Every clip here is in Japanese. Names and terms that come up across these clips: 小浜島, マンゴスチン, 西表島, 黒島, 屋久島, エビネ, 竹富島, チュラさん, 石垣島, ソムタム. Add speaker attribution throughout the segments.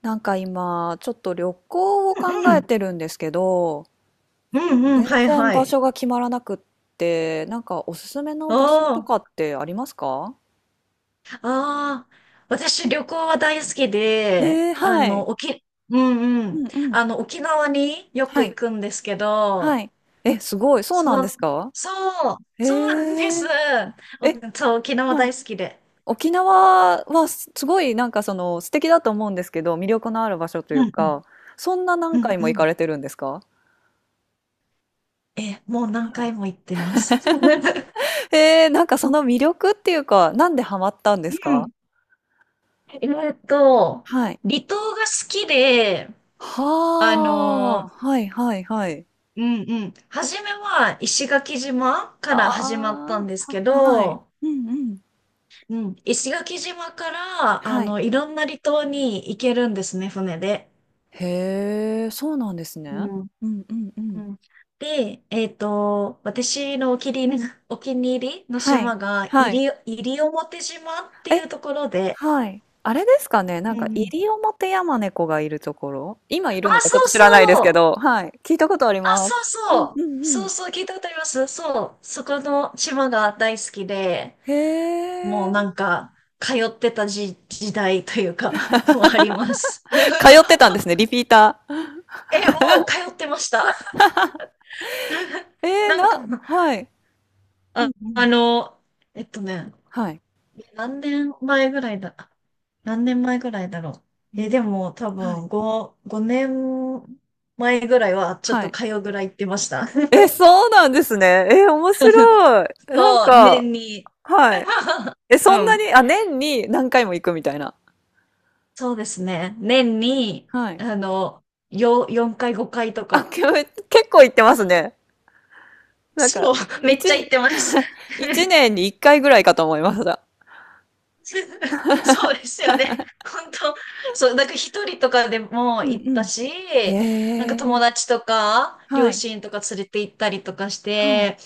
Speaker 1: なんか今、ちょっと旅行を考
Speaker 2: う
Speaker 1: え
Speaker 2: ん、
Speaker 1: てるんですけど、
Speaker 2: うん、うん、
Speaker 1: 全
Speaker 2: はい、
Speaker 1: 然
Speaker 2: は
Speaker 1: 場
Speaker 2: い。
Speaker 1: 所が決まらなくって、なんかおすすめの
Speaker 2: お
Speaker 1: 場所と
Speaker 2: ー、
Speaker 1: かってありますか？
Speaker 2: あー、私旅行は大好きで、
Speaker 1: はい。
Speaker 2: うんう
Speaker 1: う
Speaker 2: ん、
Speaker 1: んうん。
Speaker 2: 沖縄によ
Speaker 1: は
Speaker 2: く行
Speaker 1: い。
Speaker 2: くんですけ
Speaker 1: は
Speaker 2: ど、
Speaker 1: い。え、すごい。そう
Speaker 2: そ
Speaker 1: なんです
Speaker 2: の、
Speaker 1: か？
Speaker 2: そ
Speaker 1: え
Speaker 2: そうなんです。
Speaker 1: ー、
Speaker 2: お
Speaker 1: え、
Speaker 2: そう、沖縄
Speaker 1: は
Speaker 2: 大
Speaker 1: い。
Speaker 2: 好きで。
Speaker 1: 沖縄はごいなんかその素敵だと思うんですけど、魅力のある場所とい
Speaker 2: う
Speaker 1: う
Speaker 2: んうん、
Speaker 1: か、そんな
Speaker 2: う
Speaker 1: 何
Speaker 2: ん
Speaker 1: 回も
Speaker 2: う
Speaker 1: 行
Speaker 2: ん。
Speaker 1: かれてるんですか？
Speaker 2: え、もう何
Speaker 1: はい。
Speaker 2: 回も行ってます。うん。
Speaker 1: えー、なんかその魅力っていうか、なんでハマったんですか？
Speaker 2: えっと、
Speaker 1: はい。
Speaker 2: 離島が好きで、あの
Speaker 1: はあ、はいはいはい。
Speaker 2: うんうん。初めは石垣島か
Speaker 1: あ
Speaker 2: ら始まったんです
Speaker 1: あ、
Speaker 2: け
Speaker 1: は、はい。
Speaker 2: ど、
Speaker 1: うんうん。
Speaker 2: うん、石垣島から、
Speaker 1: はい。
Speaker 2: いろんな離島に行けるんですね、船で。
Speaker 1: へえ、そうなんですね。
Speaker 2: うん。
Speaker 1: うんうんう
Speaker 2: う
Speaker 1: ん。
Speaker 2: ん。で、私のお気に入りの、お気に入りの
Speaker 1: はい、
Speaker 2: 島が、
Speaker 1: はい。
Speaker 2: 西表島ってい
Speaker 1: え、
Speaker 2: うところで、
Speaker 1: はい。あれですかね、
Speaker 2: う
Speaker 1: なん
Speaker 2: ん
Speaker 1: か、
Speaker 2: う
Speaker 1: 入
Speaker 2: ん。
Speaker 1: 表オモヤマネコがいるところ今いるの
Speaker 2: あ、
Speaker 1: かちょっ
Speaker 2: そう
Speaker 1: と知
Speaker 2: そ
Speaker 1: らないですけ
Speaker 2: う。
Speaker 1: ど、はい。聞いたことあり
Speaker 2: あ、
Speaker 1: ま
Speaker 2: そ
Speaker 1: す。
Speaker 2: う
Speaker 1: うん
Speaker 2: そう。
Speaker 1: うんう
Speaker 2: そう
Speaker 1: ん。
Speaker 2: そう、聞いたことあります。そう。そこの島が大好きで、
Speaker 1: へ
Speaker 2: もう
Speaker 1: え。
Speaker 2: なんか、通ってた時、時代というか、もうあります。
Speaker 1: 通ってたんですね、リピーター。
Speaker 2: え、もう通ってました。なんか、
Speaker 1: はい。うん
Speaker 2: あ、
Speaker 1: う
Speaker 2: あ
Speaker 1: ん。
Speaker 2: の、えっとね、
Speaker 1: はい。
Speaker 2: 何年前ぐらいだ、何年前ぐらいだろ
Speaker 1: う
Speaker 2: う。え、
Speaker 1: ん
Speaker 2: でも多
Speaker 1: はい。
Speaker 2: 分5年前ぐらいはちょっ
Speaker 1: は
Speaker 2: と
Speaker 1: い。
Speaker 2: 通うぐらい行ってました。
Speaker 1: え、そうなんですね。え、面白い。なん
Speaker 2: そう、
Speaker 1: か、
Speaker 2: 年に。
Speaker 1: はい。え、
Speaker 2: う
Speaker 1: そんな
Speaker 2: ん。
Speaker 1: に、あ、年に何回も行くみたいな。
Speaker 2: そうですね。年に、
Speaker 1: はい。
Speaker 2: あの、4回5回と
Speaker 1: あ、
Speaker 2: か。
Speaker 1: け結構行ってますね。なんか、
Speaker 2: そう、めっ
Speaker 1: 一
Speaker 2: ちゃ行ってます。
Speaker 1: 一 年に一回ぐらいかと思いました。
Speaker 2: そうですよね。本当、そう、なんか一人とかでも
Speaker 1: うん
Speaker 2: 行っ
Speaker 1: う
Speaker 2: た
Speaker 1: ん。
Speaker 2: し、
Speaker 1: へ
Speaker 2: なんか
Speaker 1: え。
Speaker 2: 友達とか、
Speaker 1: は
Speaker 2: 両
Speaker 1: い。
Speaker 2: 親とか連れて行ったりとかし
Speaker 1: はい。
Speaker 2: て、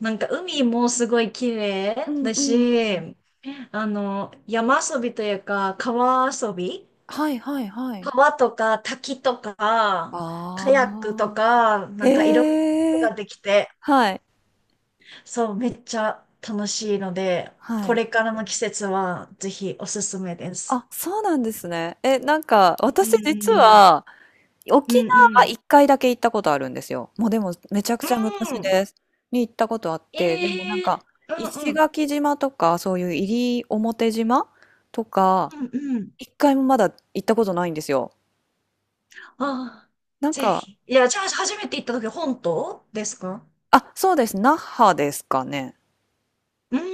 Speaker 2: なんか海もすごい綺
Speaker 1: う
Speaker 2: 麗
Speaker 1: ん
Speaker 2: だ
Speaker 1: うん。
Speaker 2: し、山遊びというか、川遊び
Speaker 1: はいはいはい。
Speaker 2: 川とか滝とか、カヤックと
Speaker 1: ああ。
Speaker 2: か、なんかいろんなこと
Speaker 1: へえ。
Speaker 2: ができて、
Speaker 1: はい。
Speaker 2: そう、めっちゃ楽しいので、
Speaker 1: は
Speaker 2: こ
Speaker 1: い。
Speaker 2: れからの季節はぜひおすすめです。
Speaker 1: あ、そうなんですね。え、なんか、
Speaker 2: う
Speaker 1: 私実
Speaker 2: ん、
Speaker 1: は、
Speaker 2: うん、
Speaker 1: 沖
Speaker 2: う
Speaker 1: 縄は
Speaker 2: ん。
Speaker 1: 1回だけ行ったことあるんですよ。もうでもめちゃくちゃ
Speaker 2: う
Speaker 1: 昔
Speaker 2: ん。
Speaker 1: です。に行ったことあって、でもなん
Speaker 2: ええ、
Speaker 1: か
Speaker 2: うん
Speaker 1: 石
Speaker 2: うん、
Speaker 1: 垣島とかそういう西表島とか
Speaker 2: うんうん。
Speaker 1: 一回もまだ行ったことないんですよ。
Speaker 2: ああ、
Speaker 1: なん
Speaker 2: ぜ
Speaker 1: か、
Speaker 2: ひ。いや、じゃあ、初めて行った時、本島ですか？
Speaker 1: あ、そうです。那覇ですかね。
Speaker 2: うーん、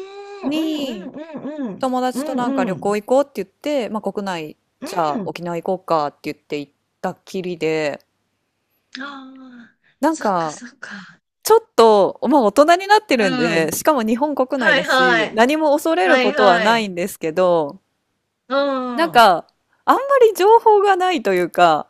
Speaker 2: う
Speaker 1: に
Speaker 2: んうんうん
Speaker 1: 友
Speaker 2: う
Speaker 1: 達と
Speaker 2: ん。
Speaker 1: なんか
Speaker 2: うんう
Speaker 1: 旅
Speaker 2: ん。
Speaker 1: 行行こうって言って、まあ国内じゃ
Speaker 2: う
Speaker 1: あ
Speaker 2: ん。
Speaker 1: 沖縄行こうかって言って行ったきりで、
Speaker 2: ああ、
Speaker 1: なん
Speaker 2: そっか
Speaker 1: か
Speaker 2: そっか。
Speaker 1: ちょっと、まあ大人になってるん
Speaker 2: う
Speaker 1: で、
Speaker 2: ん。
Speaker 1: しかも日本国内
Speaker 2: は
Speaker 1: だ
Speaker 2: いは
Speaker 1: し、
Speaker 2: い。
Speaker 1: 何も恐れる
Speaker 2: は
Speaker 1: こ
Speaker 2: い
Speaker 1: とは
Speaker 2: は
Speaker 1: ない
Speaker 2: い。
Speaker 1: んですけど、
Speaker 2: うん。
Speaker 1: なん
Speaker 2: あ
Speaker 1: か、あんまり情報がないというか、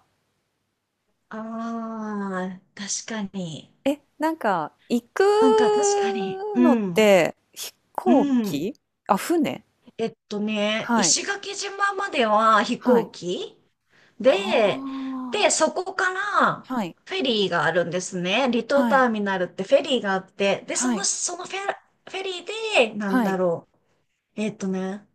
Speaker 2: あ、確かに。
Speaker 1: え、なんか、行く
Speaker 2: なんか確かに。う
Speaker 1: のっ
Speaker 2: ん。
Speaker 1: て、飛行
Speaker 2: うん。
Speaker 1: 機あ、船はい。
Speaker 2: 石垣島までは飛
Speaker 1: はい。
Speaker 2: 行機
Speaker 1: あ
Speaker 2: で、で、
Speaker 1: あ。
Speaker 2: そこから
Speaker 1: はい。
Speaker 2: フェリーがあるんですね。離島
Speaker 1: はい。
Speaker 2: ターミナルってフェリーがあって、で、そ
Speaker 1: は
Speaker 2: の、
Speaker 1: い。
Speaker 2: フェリーで、なん
Speaker 1: は
Speaker 2: だ
Speaker 1: い。
Speaker 2: ろう。えっとね、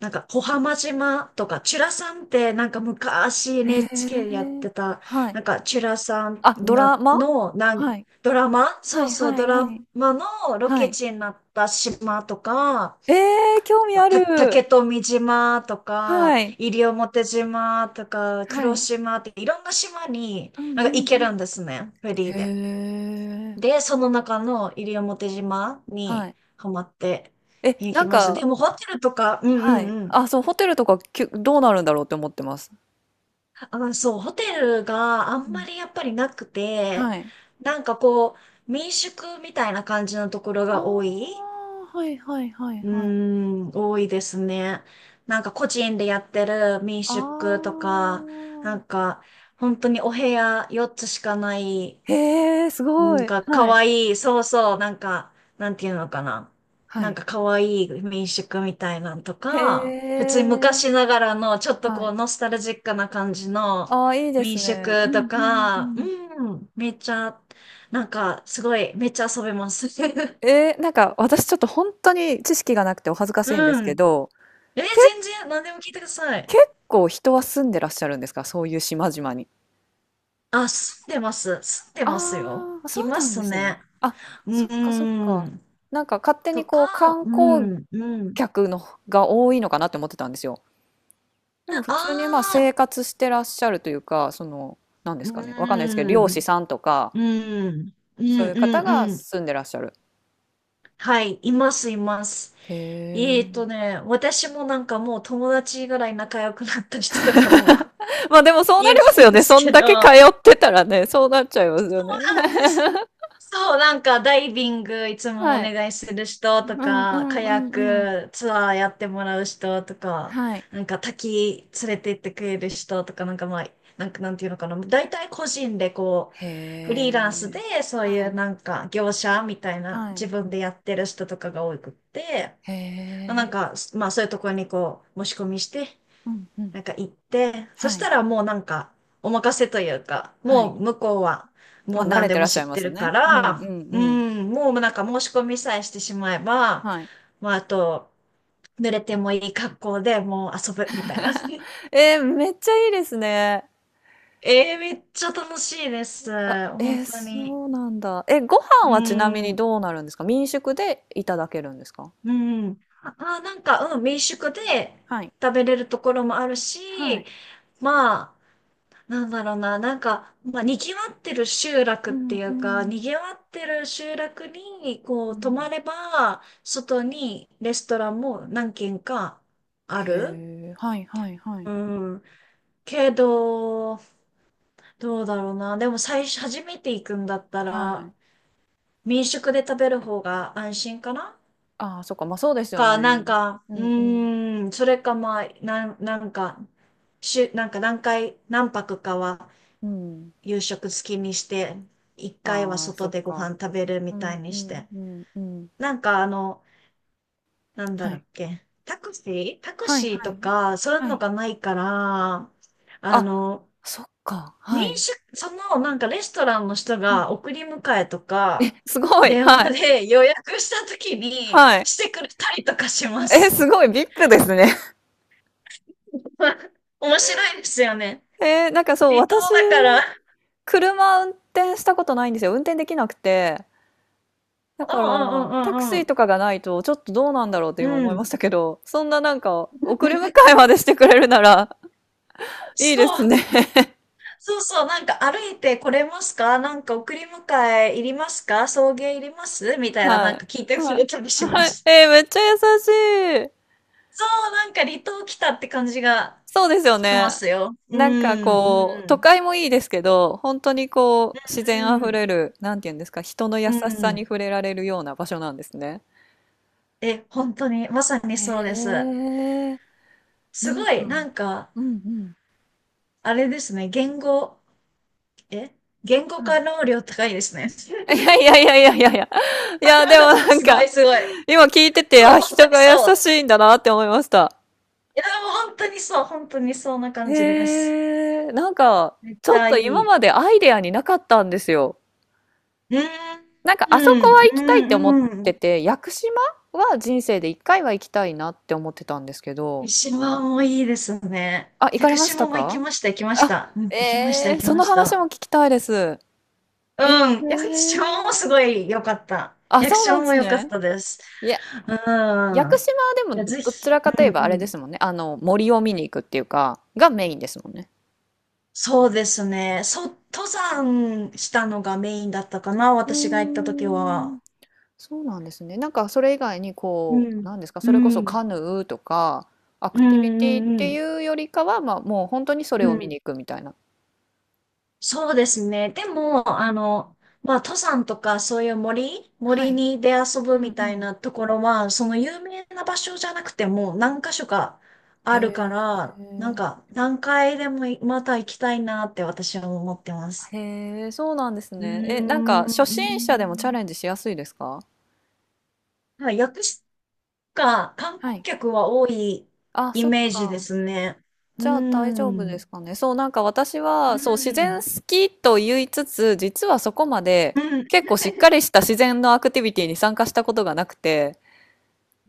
Speaker 2: なんか、小浜島とか、チュラさんって、なんか昔
Speaker 1: へ
Speaker 2: NHK でやっ
Speaker 1: え。
Speaker 2: てた、
Speaker 1: はい。
Speaker 2: なんか、チュラさん
Speaker 1: あ、ドラ
Speaker 2: な
Speaker 1: マ
Speaker 2: の、なん、
Speaker 1: はい。
Speaker 2: ドラマ、
Speaker 1: は
Speaker 2: そう
Speaker 1: い
Speaker 2: そう、
Speaker 1: は
Speaker 2: ド
Speaker 1: いは
Speaker 2: ラ
Speaker 1: い。
Speaker 2: マのロ
Speaker 1: は
Speaker 2: ケ
Speaker 1: い。
Speaker 2: 地になった島とか、
Speaker 1: ええ、興味あ
Speaker 2: 竹
Speaker 1: る。
Speaker 2: 富島とか、
Speaker 1: はい。
Speaker 2: 西表島とか、
Speaker 1: は
Speaker 2: 黒
Speaker 1: い。
Speaker 2: 島って、いろんな島に、
Speaker 1: うんうん
Speaker 2: なん
Speaker 1: う
Speaker 2: か行ける
Speaker 1: ん。
Speaker 2: んですね、フェリーで。
Speaker 1: へえ。
Speaker 2: で、その中の西表島
Speaker 1: は
Speaker 2: に
Speaker 1: い。
Speaker 2: ハマって
Speaker 1: え、
Speaker 2: 行
Speaker 1: な
Speaker 2: き
Speaker 1: ん
Speaker 2: ました。で
Speaker 1: か
Speaker 2: も、ホテルとか、うん
Speaker 1: は
Speaker 2: うん
Speaker 1: い。
Speaker 2: うん。
Speaker 1: あ、そう、ホテルとか、きゅどうなるんだろうって思ってます。
Speaker 2: あ、そう、ホテルがあ
Speaker 1: う
Speaker 2: んま
Speaker 1: ん、
Speaker 2: りやっぱりなくて、
Speaker 1: はい。
Speaker 2: なんかこう、民宿みたいな感じのところ
Speaker 1: あ
Speaker 2: が多い。
Speaker 1: あ、はいはいはい
Speaker 2: うー
Speaker 1: はい。
Speaker 2: ん、多いですね。なんか個人でやってる民
Speaker 1: あ
Speaker 2: 宿とか、な
Speaker 1: あ。
Speaker 2: んか本当にお部屋4つしかない
Speaker 1: へえ、す
Speaker 2: な
Speaker 1: ご
Speaker 2: ん
Speaker 1: い。
Speaker 2: か、可
Speaker 1: はい、
Speaker 2: わいい。そうそう。なんか、なんていうのかな。
Speaker 1: は
Speaker 2: なん
Speaker 1: い。
Speaker 2: か、可愛いい民宿みたいなんと
Speaker 1: へ
Speaker 2: か、普通に
Speaker 1: え。
Speaker 2: 昔ながらの、ちょっと
Speaker 1: は
Speaker 2: こ
Speaker 1: い。
Speaker 2: う、ノスタルジックな感じの
Speaker 1: ああ、いいで
Speaker 2: 民
Speaker 1: すね。う
Speaker 2: 宿と
Speaker 1: んうんう
Speaker 2: か、
Speaker 1: ん。
Speaker 2: うん、めっちゃ、なんか、すごい、めっちゃ遊べます。
Speaker 1: えーなんか私ちょっと本当に知識がなくてお恥ずかしいんで
Speaker 2: う
Speaker 1: すけ
Speaker 2: ん。
Speaker 1: ど、
Speaker 2: え、
Speaker 1: け
Speaker 2: 全然、何でも聞いてください。
Speaker 1: 結構人は住んでらっしゃるんですか？そういう島々に。
Speaker 2: あ、住んでます。住んでますよ。
Speaker 1: ああ、そ
Speaker 2: い
Speaker 1: う
Speaker 2: ま
Speaker 1: なんで
Speaker 2: す
Speaker 1: す
Speaker 2: ね。
Speaker 1: ね。あ、
Speaker 2: う
Speaker 1: そっかそっか。
Speaker 2: ん。
Speaker 1: なんか勝手に
Speaker 2: とか、
Speaker 1: こう観
Speaker 2: う
Speaker 1: 光
Speaker 2: ん、うん。
Speaker 1: 客のが多いのかなって思ってたんですよ。でも普通にまあ
Speaker 2: あ
Speaker 1: 生
Speaker 2: あ、
Speaker 1: 活してらっしゃるというか、その、なんで
Speaker 2: う
Speaker 1: すかね、わかんないですけど、
Speaker 2: ー
Speaker 1: 漁師
Speaker 2: ん、
Speaker 1: さんとか、
Speaker 2: うーん、うん、
Speaker 1: そういう方
Speaker 2: うん、
Speaker 1: が
Speaker 2: うん。
Speaker 1: 住んでらっしゃる。
Speaker 2: はい、います、います。
Speaker 1: へえ。
Speaker 2: 私もなんかもう友達ぐらい仲良くなった人とかも
Speaker 1: まあでも そう
Speaker 2: い
Speaker 1: な
Speaker 2: る
Speaker 1: ります
Speaker 2: ん
Speaker 1: よ
Speaker 2: で
Speaker 1: ね。
Speaker 2: す
Speaker 1: そ
Speaker 2: け
Speaker 1: んだけ通
Speaker 2: ど、
Speaker 1: ってたらね、そうなっちゃいますよね。
Speaker 2: なんでで す。そう、なんかダイビングいつもお
Speaker 1: はい。
Speaker 2: 願いする人と
Speaker 1: うんう
Speaker 2: か、
Speaker 1: ん
Speaker 2: カ
Speaker 1: う
Speaker 2: ヤッ
Speaker 1: んうん。
Speaker 2: クツアーやってもらう人とか、
Speaker 1: はい。
Speaker 2: なんか滝連れて行ってくれる人とか、なんかまあ、なんかなんていうのかな、大体個人でこう、
Speaker 1: へ
Speaker 2: フリーランスで
Speaker 1: え。
Speaker 2: そうい
Speaker 1: は
Speaker 2: う
Speaker 1: い。
Speaker 2: なんか業者みたいな
Speaker 1: はい。
Speaker 2: 自分でやってる人とかが多くって、
Speaker 1: へ
Speaker 2: なん
Speaker 1: え。
Speaker 2: か、まあそういうところにこう、申し込みして
Speaker 1: うんうん。
Speaker 2: なんか行って、そし
Speaker 1: はい。
Speaker 2: たらもうなんか、お任せというか、
Speaker 1: は
Speaker 2: も
Speaker 1: い。
Speaker 2: う向こうは、
Speaker 1: まあ、
Speaker 2: もう
Speaker 1: 慣
Speaker 2: 何
Speaker 1: れ
Speaker 2: で
Speaker 1: てら
Speaker 2: も
Speaker 1: っし
Speaker 2: 知
Speaker 1: ゃ
Speaker 2: っ
Speaker 1: いま
Speaker 2: て
Speaker 1: す
Speaker 2: るか
Speaker 1: ね。うんう
Speaker 2: ら、
Speaker 1: んう
Speaker 2: う
Speaker 1: ん。
Speaker 2: ん、もうなんか申し込みさえしてしまえば、
Speaker 1: はい。
Speaker 2: まああと、濡れてもいい格好でもう遊ぶみたいな。
Speaker 1: えー、めっちゃいいですね。
Speaker 2: ええ、めっちゃ楽しいです。
Speaker 1: あ、
Speaker 2: 本
Speaker 1: えー、
Speaker 2: 当に。
Speaker 1: そうなんだ。え、ご飯
Speaker 2: う
Speaker 1: はちなみに
Speaker 2: ん、
Speaker 1: どうなるんですか？民宿でいただけるんですか？
Speaker 2: うん。あ、なんか、うん、民宿で
Speaker 1: はい。
Speaker 2: 食べれるところもある
Speaker 1: は
Speaker 2: し、
Speaker 1: い。
Speaker 2: まあ、なんだろうな、なんか、まあ、
Speaker 1: うんうん。
Speaker 2: 賑わってる集落に、こ
Speaker 1: う
Speaker 2: う、泊
Speaker 1: ん、
Speaker 2: まれば、外にレストランも何軒かあ
Speaker 1: へ
Speaker 2: る。
Speaker 1: え、はいはいはい。
Speaker 2: うん。けど、どうだろうな。でも初めて行くんだった
Speaker 1: は
Speaker 2: ら、
Speaker 1: い。
Speaker 2: 民宿で食べる方が安心かな、
Speaker 1: ああ、そっか。まあそうですよ
Speaker 2: な
Speaker 1: ね。
Speaker 2: んか、
Speaker 1: う
Speaker 2: う
Speaker 1: んうん
Speaker 2: ーん、それかまあ、なんか、なんか何泊かは
Speaker 1: うん。
Speaker 2: 夕食好きにして、一回は
Speaker 1: ああ、そ
Speaker 2: 外
Speaker 1: っ
Speaker 2: でご飯
Speaker 1: か。
Speaker 2: 食べる
Speaker 1: う
Speaker 2: みたい
Speaker 1: んう
Speaker 2: にし
Speaker 1: ん
Speaker 2: て。
Speaker 1: うんうん。
Speaker 2: なんかなんだ
Speaker 1: は
Speaker 2: ろうっ
Speaker 1: い。
Speaker 2: け、タクシータク
Speaker 1: はい
Speaker 2: シー
Speaker 1: は
Speaker 2: と
Speaker 1: い。
Speaker 2: か、そういう
Speaker 1: は
Speaker 2: の
Speaker 1: い。
Speaker 2: がないから、あ
Speaker 1: あ、
Speaker 2: の、
Speaker 1: そっか。は
Speaker 2: 民
Speaker 1: い。
Speaker 2: 宿、そのなんかレストランの人が送り迎えとか、
Speaker 1: すごい、
Speaker 2: 電
Speaker 1: はい、
Speaker 2: 話で予約した時に
Speaker 1: はい。
Speaker 2: してくれたりとかしま
Speaker 1: え、
Speaker 2: す。
Speaker 1: すごいビッグですね。
Speaker 2: 面白いですよね。
Speaker 1: えー、なんかそう、
Speaker 2: 離島
Speaker 1: 私、
Speaker 2: だから。
Speaker 1: 車運転したことないんですよ。運転できなくて。だ
Speaker 2: う
Speaker 1: か
Speaker 2: んう
Speaker 1: ら、タク
Speaker 2: んうん
Speaker 1: シ
Speaker 2: う
Speaker 1: ー
Speaker 2: ん
Speaker 1: とかがないと、ちょっとどうなんだろうって
Speaker 2: う
Speaker 1: 今思
Speaker 2: ん。
Speaker 1: い
Speaker 2: うん。
Speaker 1: ましたけど、そんななんか、送り迎えまでしてくれるなら、いい
Speaker 2: そ
Speaker 1: ですね。
Speaker 2: う。そうそう、なんか歩いてこれますか、なんか送り迎えいりますか、送迎いりますみたいな、な
Speaker 1: は
Speaker 2: ん
Speaker 1: い。
Speaker 2: か聞いてく
Speaker 1: は
Speaker 2: れ
Speaker 1: い。
Speaker 2: たりしま
Speaker 1: はい。
Speaker 2: す。
Speaker 1: えー、めっちゃ優しい。
Speaker 2: そう、なんか離島来たって感じが
Speaker 1: そうですよ
Speaker 2: しま
Speaker 1: ね。
Speaker 2: すよ。う
Speaker 1: なんか
Speaker 2: ん、
Speaker 1: こう、
Speaker 2: う
Speaker 1: 都
Speaker 2: ん、
Speaker 1: 会もいいですけど、本当にこう、自然あ
Speaker 2: う
Speaker 1: ふ
Speaker 2: ん、
Speaker 1: れる、なんていうんですか、人の
Speaker 2: う
Speaker 1: 優しさに
Speaker 2: ん。
Speaker 1: 触れられるような場所なんですね。
Speaker 2: え、本当に、まさに
Speaker 1: へ
Speaker 2: そうです。
Speaker 1: え、
Speaker 2: す
Speaker 1: なん
Speaker 2: ご
Speaker 1: か、
Speaker 2: い、なんか、
Speaker 1: うんうん。
Speaker 2: あれですね、え言語
Speaker 1: は
Speaker 2: 化
Speaker 1: い。
Speaker 2: 能量高いですね。
Speaker 1: いやいやいやいやいやいや。いや、でもなん
Speaker 2: すご
Speaker 1: か、
Speaker 2: い、すごい。
Speaker 1: 今聞いてて、
Speaker 2: そう、
Speaker 1: あ、
Speaker 2: 本当
Speaker 1: 人
Speaker 2: に
Speaker 1: が優
Speaker 2: そう。
Speaker 1: しいんだなって思いました。
Speaker 2: いや、でも本当にそう、本当にそんな感じで
Speaker 1: へ
Speaker 2: す。
Speaker 1: え、なんか、
Speaker 2: めっ
Speaker 1: ち
Speaker 2: ち
Speaker 1: ょっ
Speaker 2: ゃ
Speaker 1: と
Speaker 2: い
Speaker 1: 今
Speaker 2: い。
Speaker 1: までアイデアになかったんですよ。
Speaker 2: うん、
Speaker 1: なんか
Speaker 2: う
Speaker 1: あそこは行きたいって思っ
Speaker 2: ん、う
Speaker 1: て
Speaker 2: ん。
Speaker 1: て、屋久島は人生で一回は行きたいなって思ってたんですけ
Speaker 2: 湯
Speaker 1: ど、
Speaker 2: 島もいいですね。
Speaker 1: あ、行
Speaker 2: 屋
Speaker 1: かれ
Speaker 2: 久
Speaker 1: まし
Speaker 2: 島
Speaker 1: た
Speaker 2: も行き
Speaker 1: か？
Speaker 2: ました、行きまし
Speaker 1: あ、
Speaker 2: た。うん、行きました、
Speaker 1: え
Speaker 2: 行
Speaker 1: ー、
Speaker 2: き
Speaker 1: そ
Speaker 2: ま
Speaker 1: の
Speaker 2: し
Speaker 1: 話
Speaker 2: た。
Speaker 1: も聞きたいです。
Speaker 2: う
Speaker 1: え
Speaker 2: ん、屋久島もす
Speaker 1: ー、
Speaker 2: ごい良かった。
Speaker 1: あ、
Speaker 2: 屋久
Speaker 1: そうなん
Speaker 2: 島
Speaker 1: で
Speaker 2: も
Speaker 1: す
Speaker 2: 良かっ
Speaker 1: ね。
Speaker 2: たです。
Speaker 1: いや、
Speaker 2: う
Speaker 1: 屋久
Speaker 2: ん。
Speaker 1: 島は
Speaker 2: いや、
Speaker 1: でも
Speaker 2: ぜ
Speaker 1: どち
Speaker 2: ひ、
Speaker 1: らかと
Speaker 2: う
Speaker 1: い
Speaker 2: ん、
Speaker 1: えば
Speaker 2: う
Speaker 1: あれで
Speaker 2: ん。
Speaker 1: すもんね。あの、森を見に行くっていうか、がメインですもんね。
Speaker 2: そうですね。そう、登山したのがメインだったかな、
Speaker 1: う
Speaker 2: 私が行った時
Speaker 1: ーん
Speaker 2: は。
Speaker 1: そうなんですね。なんかそれ以外に
Speaker 2: う
Speaker 1: こう、
Speaker 2: ん、
Speaker 1: なんですか、
Speaker 2: う
Speaker 1: それこそ
Speaker 2: ん、
Speaker 1: カヌーとか、ア
Speaker 2: う
Speaker 1: ク
Speaker 2: ん、
Speaker 1: ティビティっ
Speaker 2: うん、う
Speaker 1: て
Speaker 2: ん。
Speaker 1: いうよりかは、まあ、もう本当にそれ
Speaker 2: う
Speaker 1: を見
Speaker 2: ん、
Speaker 1: に行くみたいな。
Speaker 2: そうですね。でも、
Speaker 1: うん
Speaker 2: まあ、登山とかそういう
Speaker 1: は
Speaker 2: 森
Speaker 1: い。
Speaker 2: に出遊
Speaker 1: う
Speaker 2: ぶ
Speaker 1: ん
Speaker 2: み
Speaker 1: う
Speaker 2: たい
Speaker 1: ん
Speaker 2: なところは、その有名な場所じゃなくても何箇所か
Speaker 1: へ
Speaker 2: あるか
Speaker 1: え。
Speaker 2: ら、なんか何回でもまた行きたいなって私は思ってます。
Speaker 1: へえ、そうなんです
Speaker 2: う
Speaker 1: ね。え、
Speaker 2: ー
Speaker 1: なんか
Speaker 2: ん、うー
Speaker 1: 初心者でもチャレン
Speaker 2: ん、
Speaker 1: ジしやすいですか？
Speaker 2: はい、薬師が観
Speaker 1: は
Speaker 2: 光
Speaker 1: い。
Speaker 2: 客は多い
Speaker 1: あ、
Speaker 2: イ
Speaker 1: そっ
Speaker 2: メージで
Speaker 1: か。
Speaker 2: すね。うー
Speaker 1: じゃあ大丈夫で
Speaker 2: ん。
Speaker 1: すかね。そう、なんか私
Speaker 2: う
Speaker 1: は、
Speaker 2: ん、
Speaker 1: そう、自
Speaker 2: う
Speaker 1: 然
Speaker 2: ん。
Speaker 1: 好きと言いつつ、実はそこまで結構しっか りした自然のアクティビティに参加したことがなくて、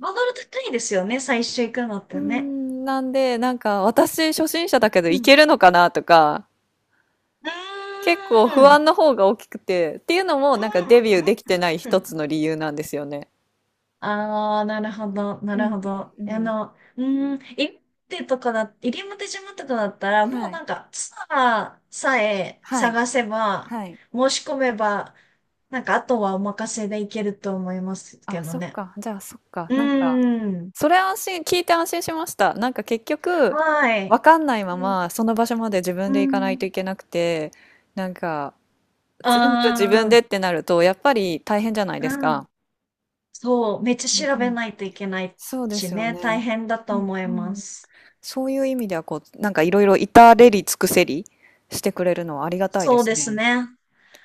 Speaker 2: ハードル高 いですよね、最初行くのっ
Speaker 1: うー
Speaker 2: てね。
Speaker 1: ん、なんで、なんか私初心者だけど
Speaker 2: う
Speaker 1: いけ
Speaker 2: ん、
Speaker 1: るのかなとか、
Speaker 2: う
Speaker 1: 結構
Speaker 2: ーん。う
Speaker 1: 不
Speaker 2: んう
Speaker 1: 安
Speaker 2: ん
Speaker 1: の方が大きくて、っていうのもなんかデビューできてない
Speaker 2: うんう
Speaker 1: 一つ
Speaker 2: ん、
Speaker 1: の理由なんですよね。
Speaker 2: ああ、なるほど、な
Speaker 1: う
Speaker 2: る
Speaker 1: ん
Speaker 2: ほど。
Speaker 1: うんうん。
Speaker 2: うーん、入り表島とかだったら、も
Speaker 1: は
Speaker 2: う
Speaker 1: い。
Speaker 2: なんか、ツアーさえ
Speaker 1: はい。
Speaker 2: 探せば、
Speaker 1: はい。
Speaker 2: 申し込めば、なんか、あとはお任せでいけると思います
Speaker 1: あ、
Speaker 2: けど
Speaker 1: そっ
Speaker 2: ね。
Speaker 1: か。じゃあそっか。
Speaker 2: う
Speaker 1: なんか、
Speaker 2: ーん、
Speaker 1: それ安心、聞いて安心しました。なんか結局、
Speaker 2: はい。
Speaker 1: わかんないま
Speaker 2: うん、
Speaker 1: ま、その場所まで自
Speaker 2: う
Speaker 1: 分で行かないと
Speaker 2: ん、
Speaker 1: いけなくて、なんか、
Speaker 2: あ
Speaker 1: 全部自分で
Speaker 2: ー、
Speaker 1: ってなると、やっぱり大変じゃないです
Speaker 2: うん、
Speaker 1: か。
Speaker 2: そう、めっち
Speaker 1: うう
Speaker 2: ゃ
Speaker 1: ん
Speaker 2: 調
Speaker 1: う
Speaker 2: べ
Speaker 1: ん。
Speaker 2: ないといけない
Speaker 1: そうで
Speaker 2: し
Speaker 1: すよ
Speaker 2: ね、大
Speaker 1: ね。
Speaker 2: 変だと
Speaker 1: うん、
Speaker 2: 思い
Speaker 1: う
Speaker 2: ま
Speaker 1: ん、
Speaker 2: す。
Speaker 1: そういう意味ではこう、なんかいろいろ至れり尽くせりしてくれるのはありがたいで
Speaker 2: そう
Speaker 1: す
Speaker 2: です
Speaker 1: ね。
Speaker 2: ね。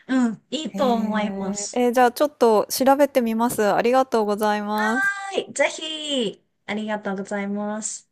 Speaker 2: うん、いい
Speaker 1: へ
Speaker 2: と思いま
Speaker 1: え、
Speaker 2: す。
Speaker 1: えーじゃあちょっと調べてみます。ありがとうございます。
Speaker 2: はい、ぜひ、ありがとうございます。